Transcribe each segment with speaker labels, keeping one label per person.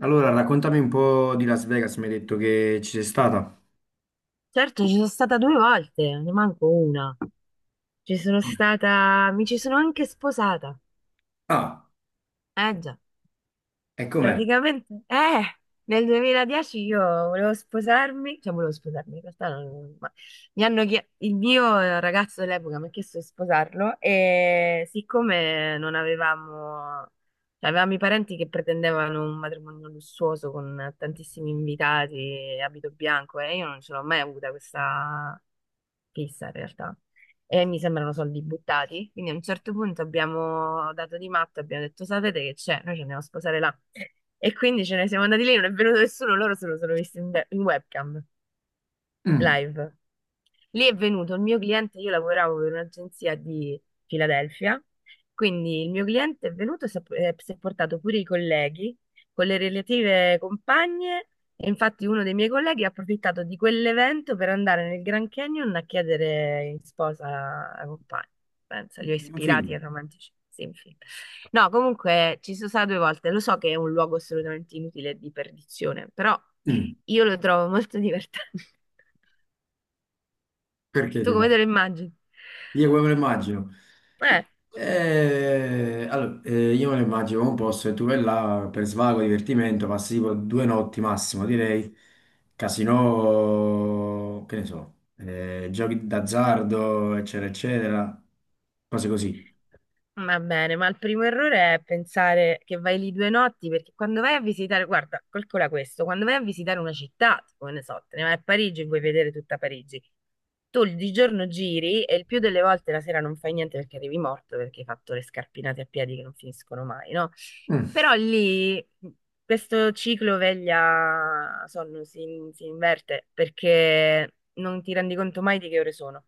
Speaker 1: Allora, raccontami un po' di Las Vegas, mi hai detto che ci sei stata.
Speaker 2: Certo, ci sono stata due volte, ne manco una. Ci sono
Speaker 1: Com'è?
Speaker 2: stata, mi ci sono anche sposata.
Speaker 1: Ah,
Speaker 2: Eh già,
Speaker 1: e com'è?
Speaker 2: praticamente, nel 2010 io volevo sposarmi, cioè volevo sposarmi, in realtà ma il mio ragazzo dell'epoca mi ha chiesto di sposarlo e siccome non avevamo, cioè avevamo i parenti che pretendevano un matrimonio lussuoso con tantissimi invitati, abito bianco e io non ce l'ho mai avuta questa fissa in realtà. E mi sembrano soldi buttati. Quindi a un certo punto abbiamo dato di matto, abbiamo detto: sapete che c'è? Noi ci andiamo a sposare là. E quindi ce ne siamo andati lì, non è venuto nessuno, loro se lo sono visti in webcam
Speaker 1: Mm,
Speaker 2: live. Lì è venuto il mio cliente, io lavoravo per un'agenzia di Filadelfia, quindi il mio cliente è venuto e si è portato pure i colleghi con le relative compagne, e infatti uno dei miei colleghi ha approfittato di quell'evento per andare nel Grand Canyon a chiedere in sposa la compagna. Pensa, li ho
Speaker 1: è un
Speaker 2: ispirati ai
Speaker 1: film.
Speaker 2: romantici. Sì, infine. No, comunque ci sono stata due volte, lo so che è un luogo assolutamente inutile e di perdizione, però
Speaker 1: Mm,
Speaker 2: io lo trovo molto divertente.
Speaker 1: perché
Speaker 2: Tu
Speaker 1: ti fa?
Speaker 2: come te lo immagini?
Speaker 1: Io come me lo immagino.
Speaker 2: Eh,
Speaker 1: Allora, io me lo immagino come un posto e tu vai là per svago, divertimento, passi tipo due notti massimo, direi. Casino, che ne so, giochi d'azzardo, eccetera, eccetera. Cose così.
Speaker 2: va bene, ma il primo errore è pensare che vai lì due notti, perché quando vai a visitare, guarda, calcola questo, quando vai a visitare una città, tipo, ne so, te ne vai a Parigi e vuoi vedere tutta Parigi, tu di giorno giri e il più delle volte la sera non fai niente perché arrivi morto, perché hai fatto le scarpinate a piedi che non finiscono mai, no?
Speaker 1: Mm,
Speaker 2: Però lì questo ciclo veglia-sonno si inverte perché non ti rendi conto mai di che ore sono.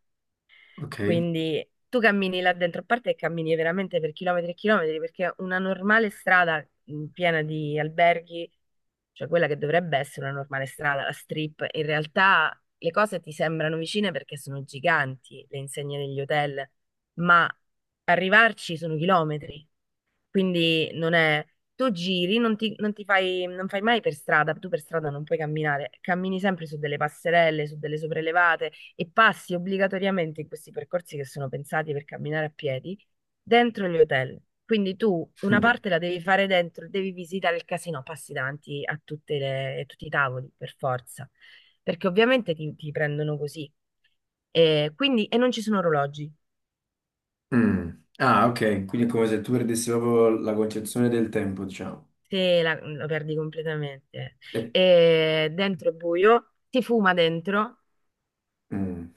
Speaker 1: ok.
Speaker 2: Quindi tu cammini là dentro, a parte che cammini veramente per chilometri e chilometri, perché una normale strada piena di alberghi, cioè quella che dovrebbe essere una normale strada, la strip, in realtà le cose ti sembrano vicine perché sono giganti le insegne degli hotel, ma arrivarci sono chilometri. Quindi non è. Tu giri, non ti fai, non fai mai per strada, tu per strada non puoi camminare, cammini sempre su delle passerelle, su delle sopraelevate e passi obbligatoriamente in questi percorsi che sono pensati per camminare a piedi dentro gli hotel. Quindi tu una parte la devi fare dentro, devi visitare il casino, passi davanti a tutti i tavoli per forza, perché ovviamente ti prendono così. E quindi e non ci sono orologi.
Speaker 1: Mm. Ah, ok, quindi è come se tu perdessi proprio la concezione del tempo, diciamo.
Speaker 2: Sì, lo perdi completamente.
Speaker 1: Eh,
Speaker 2: E dentro è buio, si fuma dentro.
Speaker 1: mm,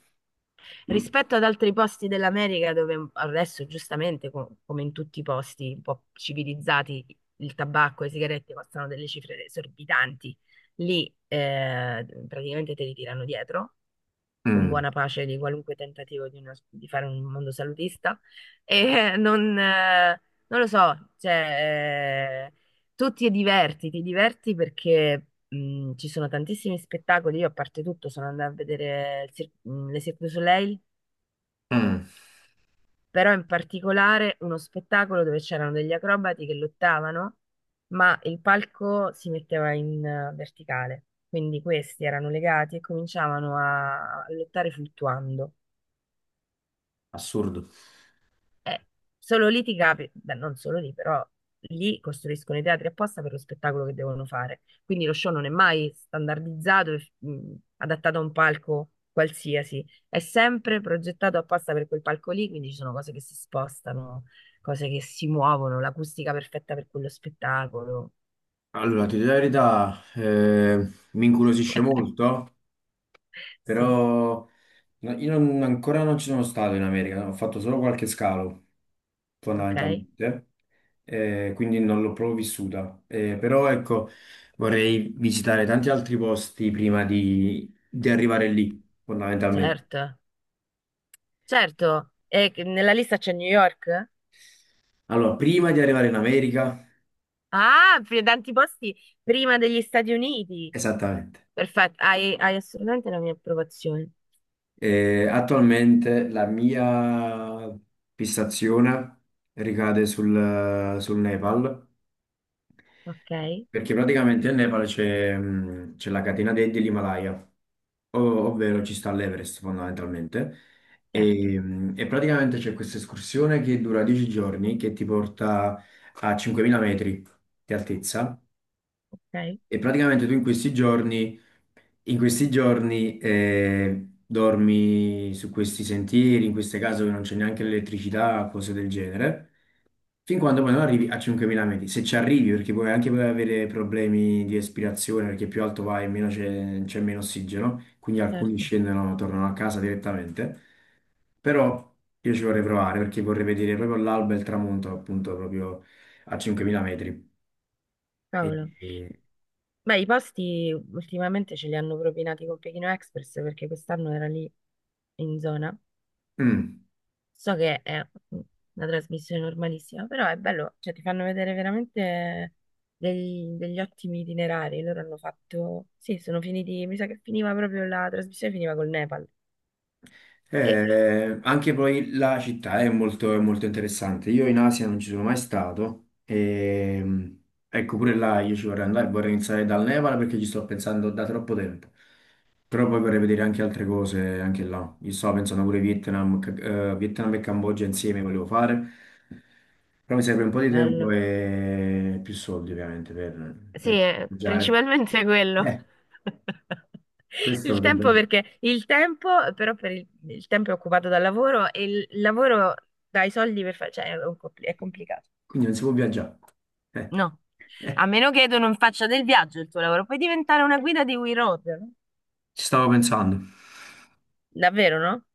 Speaker 1: mm,
Speaker 2: Rispetto ad altri posti dell'America dove adesso, giustamente, come in tutti i posti un po' civilizzati, il tabacco e le sigarette costano delle cifre esorbitanti, lì praticamente te li tirano dietro con
Speaker 1: mm,
Speaker 2: buona pace di qualunque tentativo di, di fare un mondo salutista. E non lo so, cioè, tu ti diverti perché ci sono tantissimi spettacoli. Io, a parte tutto, sono andata a vedere il le Cirque du Soleil,
Speaker 1: mm.
Speaker 2: però in particolare uno spettacolo dove c'erano degli acrobati che lottavano, ma il palco si metteva in verticale. Quindi questi erano legati e cominciavano a lottare fluttuando.
Speaker 1: Assurdo.
Speaker 2: Eh, solo lì beh, non solo lì, però lì costruiscono i teatri apposta per lo spettacolo che devono fare. Quindi lo show non è mai standardizzato e adattato a un palco qualsiasi, è sempre progettato apposta per quel palco lì, quindi ci sono cose che si spostano, cose che si muovono, l'acustica perfetta per quello spettacolo.
Speaker 1: Allora, ti dico la verità, mi incuriosisce molto,
Speaker 2: Sì,
Speaker 1: però no- io non- ancora non ci sono stato in America, ho fatto solo qualche scalo,
Speaker 2: ok,
Speaker 1: fondamentalmente, quindi non l'ho proprio vissuta. Però ecco, vorrei visitare tanti altri posti prima di arrivare lì, fondamentalmente.
Speaker 2: certo, certo. E nella lista c'è New York?
Speaker 1: Allora, prima di arrivare in America,
Speaker 2: Ah, per tanti posti prima degli Stati Uniti.
Speaker 1: esattamente,
Speaker 2: Perfetto, hai assolutamente la mia approvazione.
Speaker 1: attualmente la mia fissazione ricade sul Nepal,
Speaker 2: Ok,
Speaker 1: perché praticamente nel Nepal c'è c'è la catena dell'Himalaya, ovvero ci sta l'Everest fondamentalmente,
Speaker 2: certo,
Speaker 1: e praticamente c'è questa escursione che dura 10 giorni, che ti porta a 5000 metri di altezza,
Speaker 2: ok,
Speaker 1: e praticamente tu in questi giorni dormi su questi sentieri, in queste case dove non c'è neanche l'elettricità, cose del genere, fin quando poi non arrivi a 5000 metri. Se ci arrivi, perché puoi anche puoi avere problemi di respirazione, perché più alto vai, meno c'è meno ossigeno, quindi alcuni
Speaker 2: certo.
Speaker 1: scendono, tornano a casa direttamente. Però io ci vorrei provare, perché vorrei vedere proprio l'alba e il tramonto, appunto, proprio a 5000 metri. E,
Speaker 2: Cavolo.
Speaker 1: e-
Speaker 2: Beh, i posti ultimamente ce li hanno propinati con Pechino Express perché quest'anno era lì in zona.
Speaker 1: mm.
Speaker 2: So che è una trasmissione normalissima, però è bello, cioè ti fanno vedere veramente degli ottimi itinerari. Loro hanno fatto, sì, sono finiti, mi sa che finiva proprio la trasmissione, finiva col Nepal. E
Speaker 1: Anche poi la città è molto interessante. Io in Asia non ci sono mai stato. E, ecco, pure là io ci vorrei andare, vorrei iniziare dal Nepal perché ci sto pensando da troppo tempo. Però poi vorrei vedere anche altre cose anche là. Io stavo pensando pure Vietnam, Vietnam e Cambogia insieme volevo fare. Però mi serve un po' di tempo
Speaker 2: bello.
Speaker 1: e più soldi ovviamente
Speaker 2: Sì,
Speaker 1: per viaggiare.
Speaker 2: principalmente quello.
Speaker 1: Eh, questo
Speaker 2: Il tempo
Speaker 1: potrebbe...
Speaker 2: perché il tempo, però per il tempo è occupato dal lavoro e il lavoro dai soldi per fare, cioè è complicato.
Speaker 1: Quindi non si può viaggiare. Eh.
Speaker 2: No, a meno che tu non faccia del viaggio il tuo lavoro, puoi diventare una guida di We Road. No?
Speaker 1: Ci stavo pensando.
Speaker 2: Davvero, no?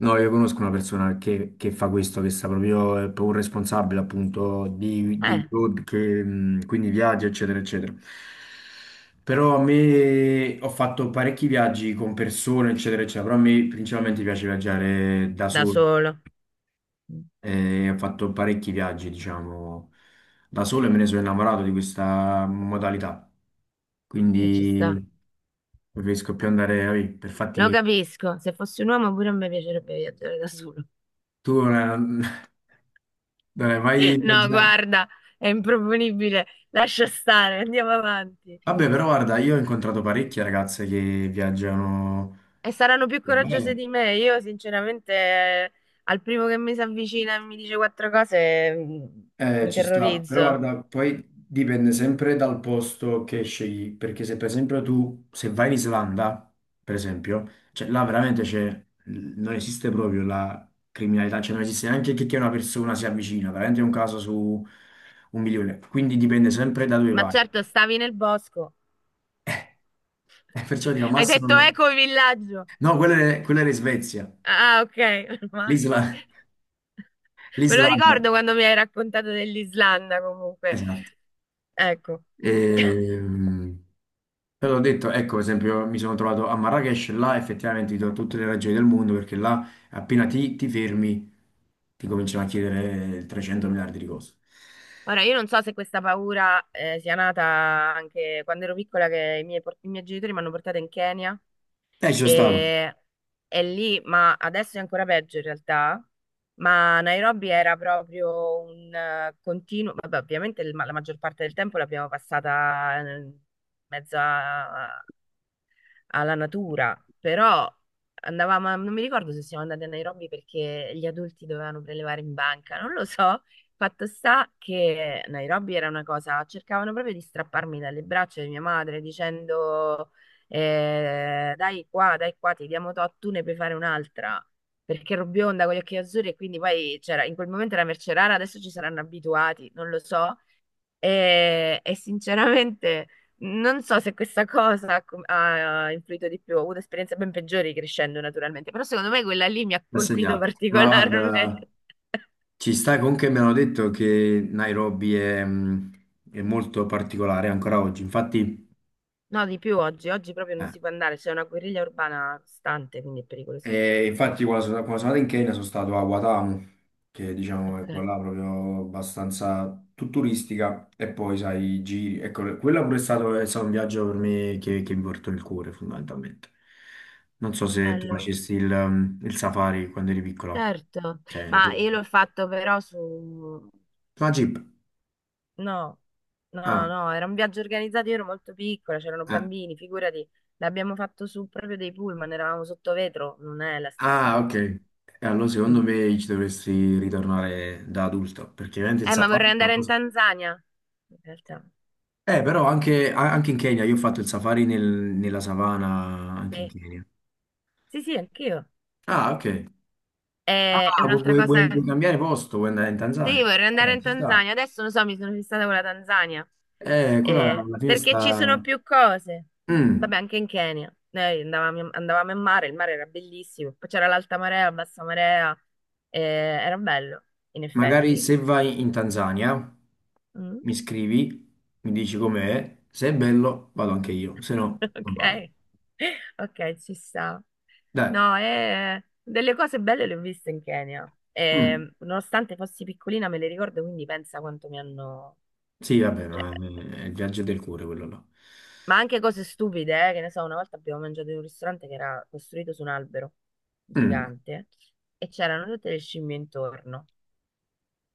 Speaker 1: No, io conosco una persona che fa questo, che sta proprio, è proprio un responsabile appunto di
Speaker 2: Eh,
Speaker 1: road, che, quindi viaggi, eccetera, eccetera. Però a me ho fatto parecchi viaggi con persone, eccetera, eccetera, però a me principalmente piace viaggiare da
Speaker 2: da
Speaker 1: solo.
Speaker 2: solo. Mm.
Speaker 1: E ho fatto parecchi viaggi, diciamo, da solo e me ne sono innamorato di questa modalità.
Speaker 2: E ci sta.
Speaker 1: Quindi preferisco più andare, vabbè, per fatti
Speaker 2: Lo
Speaker 1: miei.
Speaker 2: capisco, se fossi un uomo pure a me piacerebbe viaggiare da solo.
Speaker 1: Tu Dai, vai a
Speaker 2: No,
Speaker 1: viaggiare.
Speaker 2: guarda, è improponibile. Lascia stare, andiamo avanti.
Speaker 1: Vabbè, però guarda, io ho incontrato parecchie ragazze che viaggiano
Speaker 2: E saranno più coraggiose
Speaker 1: bene.
Speaker 2: di me. Io, sinceramente, al primo che mi si avvicina e mi dice quattro cose, mi
Speaker 1: Ci sta, però
Speaker 2: terrorizzo.
Speaker 1: guarda, poi dipende sempre dal posto che scegli, perché se per esempio tu Se vai in Islanda, per esempio, cioè là veramente c'è, non esiste proprio la criminalità, cioè non esiste neanche che una persona si avvicina, veramente è un caso su un milione. Quindi dipende sempre da dove
Speaker 2: Ma
Speaker 1: vai.
Speaker 2: certo, stavi nel bosco.
Speaker 1: Perciò dico al
Speaker 2: Hai detto
Speaker 1: massimo...
Speaker 2: eco villaggio.
Speaker 1: No, quella era in Svezia.
Speaker 2: Ah, ok, meno male.
Speaker 1: L'Islanda
Speaker 2: Me lo
Speaker 1: L'Islanda,
Speaker 2: ricordo quando mi hai raccontato dell'Islanda, comunque.
Speaker 1: esatto.
Speaker 2: Ecco.
Speaker 1: Ehm, però ho detto, ecco, per esempio, mi sono trovato a Marrakech, là effettivamente ti do tutte le ragioni del mondo, perché là appena ti fermi ti cominciano a chiedere 300 miliardi di cose.
Speaker 2: Ora, io non so se questa paura sia nata anche quando ero piccola, che i miei genitori mi hanno portata in Kenya.
Speaker 1: E ci sono stato,
Speaker 2: E, e lì, ma adesso è ancora peggio in realtà, ma Nairobi era proprio un continuo, vabbè, ovviamente la maggior parte del tempo l'abbiamo passata in mezzo alla natura, però andavamo, non mi ricordo se siamo andati a Nairobi perché gli adulti dovevano prelevare in banca, non lo so. Fatto sta che Nairobi era una cosa, cercavano proprio di strapparmi dalle braccia di mia madre dicendo dai qua, ti diamo tot, tu ne puoi fare un'altra. Perché ero bionda con gli occhi azzurri e quindi poi c'era, in quel momento era merce rara, adesso ci saranno abituati, non lo so, e sinceramente non so se questa cosa ha influito di più. Ho avuto esperienze ben peggiori crescendo, naturalmente, però secondo me quella lì mi ha
Speaker 1: l'ho
Speaker 2: colpito
Speaker 1: segnato. Ma guarda,
Speaker 2: particolarmente.
Speaker 1: ci sta comunque mi hanno detto che Nairobi è, mm, è molto particolare ancora oggi. Infatti,
Speaker 2: No, di più oggi. Oggi proprio non
Speaker 1: eh,
Speaker 2: si può andare, c'è una guerriglia urbana costante, quindi è pericolosissimo.
Speaker 1: E infatti quando sono andato in Kenya sono stato a Watamu, che diciamo è
Speaker 2: Ok,
Speaker 1: quella là proprio abbastanza turistica, e poi sai, i giri. Ecco, quello pure è stato un viaggio per me che mi portò il cuore fondamentalmente. Non so se tu
Speaker 2: bello.
Speaker 1: facessi il, il safari quando eri piccola.
Speaker 2: Certo,
Speaker 1: Cioè,
Speaker 2: ma
Speaker 1: quello-
Speaker 2: io l'ho fatto però su.
Speaker 1: la Jeep.
Speaker 2: No, no,
Speaker 1: Ah,
Speaker 2: no, era un viaggio organizzato, io ero molto piccola, c'erano
Speaker 1: eh.
Speaker 2: bambini, figurati, l'abbiamo fatto su proprio dei pullman, eravamo sotto vetro, non è la stessa
Speaker 1: Ah, ok.
Speaker 2: cosa.
Speaker 1: E allora secondo
Speaker 2: Mm.
Speaker 1: me ci dovresti ritornare da adulto, perché veramente il
Speaker 2: Ma
Speaker 1: safari
Speaker 2: vorrei
Speaker 1: è
Speaker 2: andare in
Speaker 1: qualcosa...
Speaker 2: Tanzania, in realtà.
Speaker 1: Però anche, anche in Kenya, io ho fatto il safari nella savana, anche in
Speaker 2: Sì,
Speaker 1: Kenya.
Speaker 2: sì, sì, anch'io.
Speaker 1: Ah, ok. Ah,
Speaker 2: È un'altra cosa.
Speaker 1: vuoi cambiare posto, vuoi andare in Tanzania?
Speaker 2: Sì, vorrei andare in
Speaker 1: Ci sta.
Speaker 2: Tanzania, adesso non so, mi sono fissata con la Tanzania.
Speaker 1: Quella alla fine
Speaker 2: Perché ci sono
Speaker 1: sta...
Speaker 2: più cose. Vabbè,
Speaker 1: Mm,
Speaker 2: anche in Kenya. Noi andavamo in mare, il mare era bellissimo. Poi c'era l'alta marea, la bassa marea. Era bello, in
Speaker 1: magari
Speaker 2: effetti.
Speaker 1: se vai in Tanzania,
Speaker 2: Mm.
Speaker 1: mi scrivi, mi dici com'è, se è bello vado anche io, se no non
Speaker 2: Ok,
Speaker 1: vado.
Speaker 2: ok, ci sta.
Speaker 1: Dai.
Speaker 2: No, delle cose belle le ho viste in Kenya.
Speaker 1: Mm,
Speaker 2: Nonostante fossi piccolina, me le ricordo, quindi pensa quanto mi hanno.
Speaker 1: Sì, vabbè,
Speaker 2: Cioè.
Speaker 1: ma è il viaggio del cuore quello là.
Speaker 2: Ma anche cose stupide, che ne so, una volta abbiamo mangiato in un ristorante che era costruito su un albero gigante e c'erano tutte le scimmie intorno.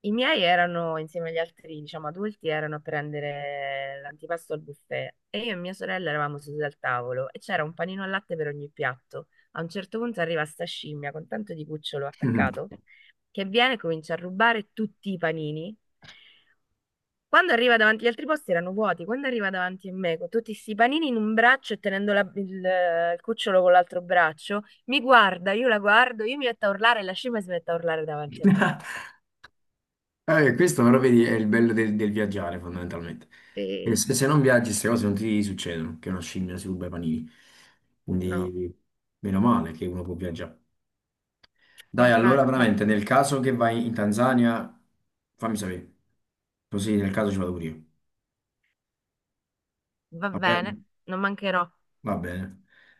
Speaker 2: I miei erano, insieme agli altri, diciamo, adulti, erano a prendere l'antipasto al buffet e io e mia sorella eravamo sedute al tavolo e c'era un panino al latte per ogni piatto. A un certo punto arriva sta scimmia con tanto di cucciolo
Speaker 1: Mm.
Speaker 2: attaccato che viene e comincia a rubare tutti i panini. Quando arriva davanti agli altri posti erano vuoti, quando arriva davanti a me con tutti sti panini in un braccio e tenendo il cucciolo con l'altro braccio, mi guarda, io la guardo, io mi metto a urlare e la scimmia si mette a urlare davanti a me.
Speaker 1: Questo però vedi è il bello del viaggiare fondamentalmente. Perché
Speaker 2: Sì,
Speaker 1: Se non viaggi queste cose non ti succedono, che una scimmia si ruba i panini.
Speaker 2: no,
Speaker 1: Quindi meno male che uno può viaggiare. Dai, allora
Speaker 2: infatti,
Speaker 1: veramente nel caso che vai in Tanzania, fammi sapere. Così nel caso ci vado pure io.
Speaker 2: va
Speaker 1: Va
Speaker 2: bene,
Speaker 1: bene?
Speaker 2: non mancherò.
Speaker 1: Va bene.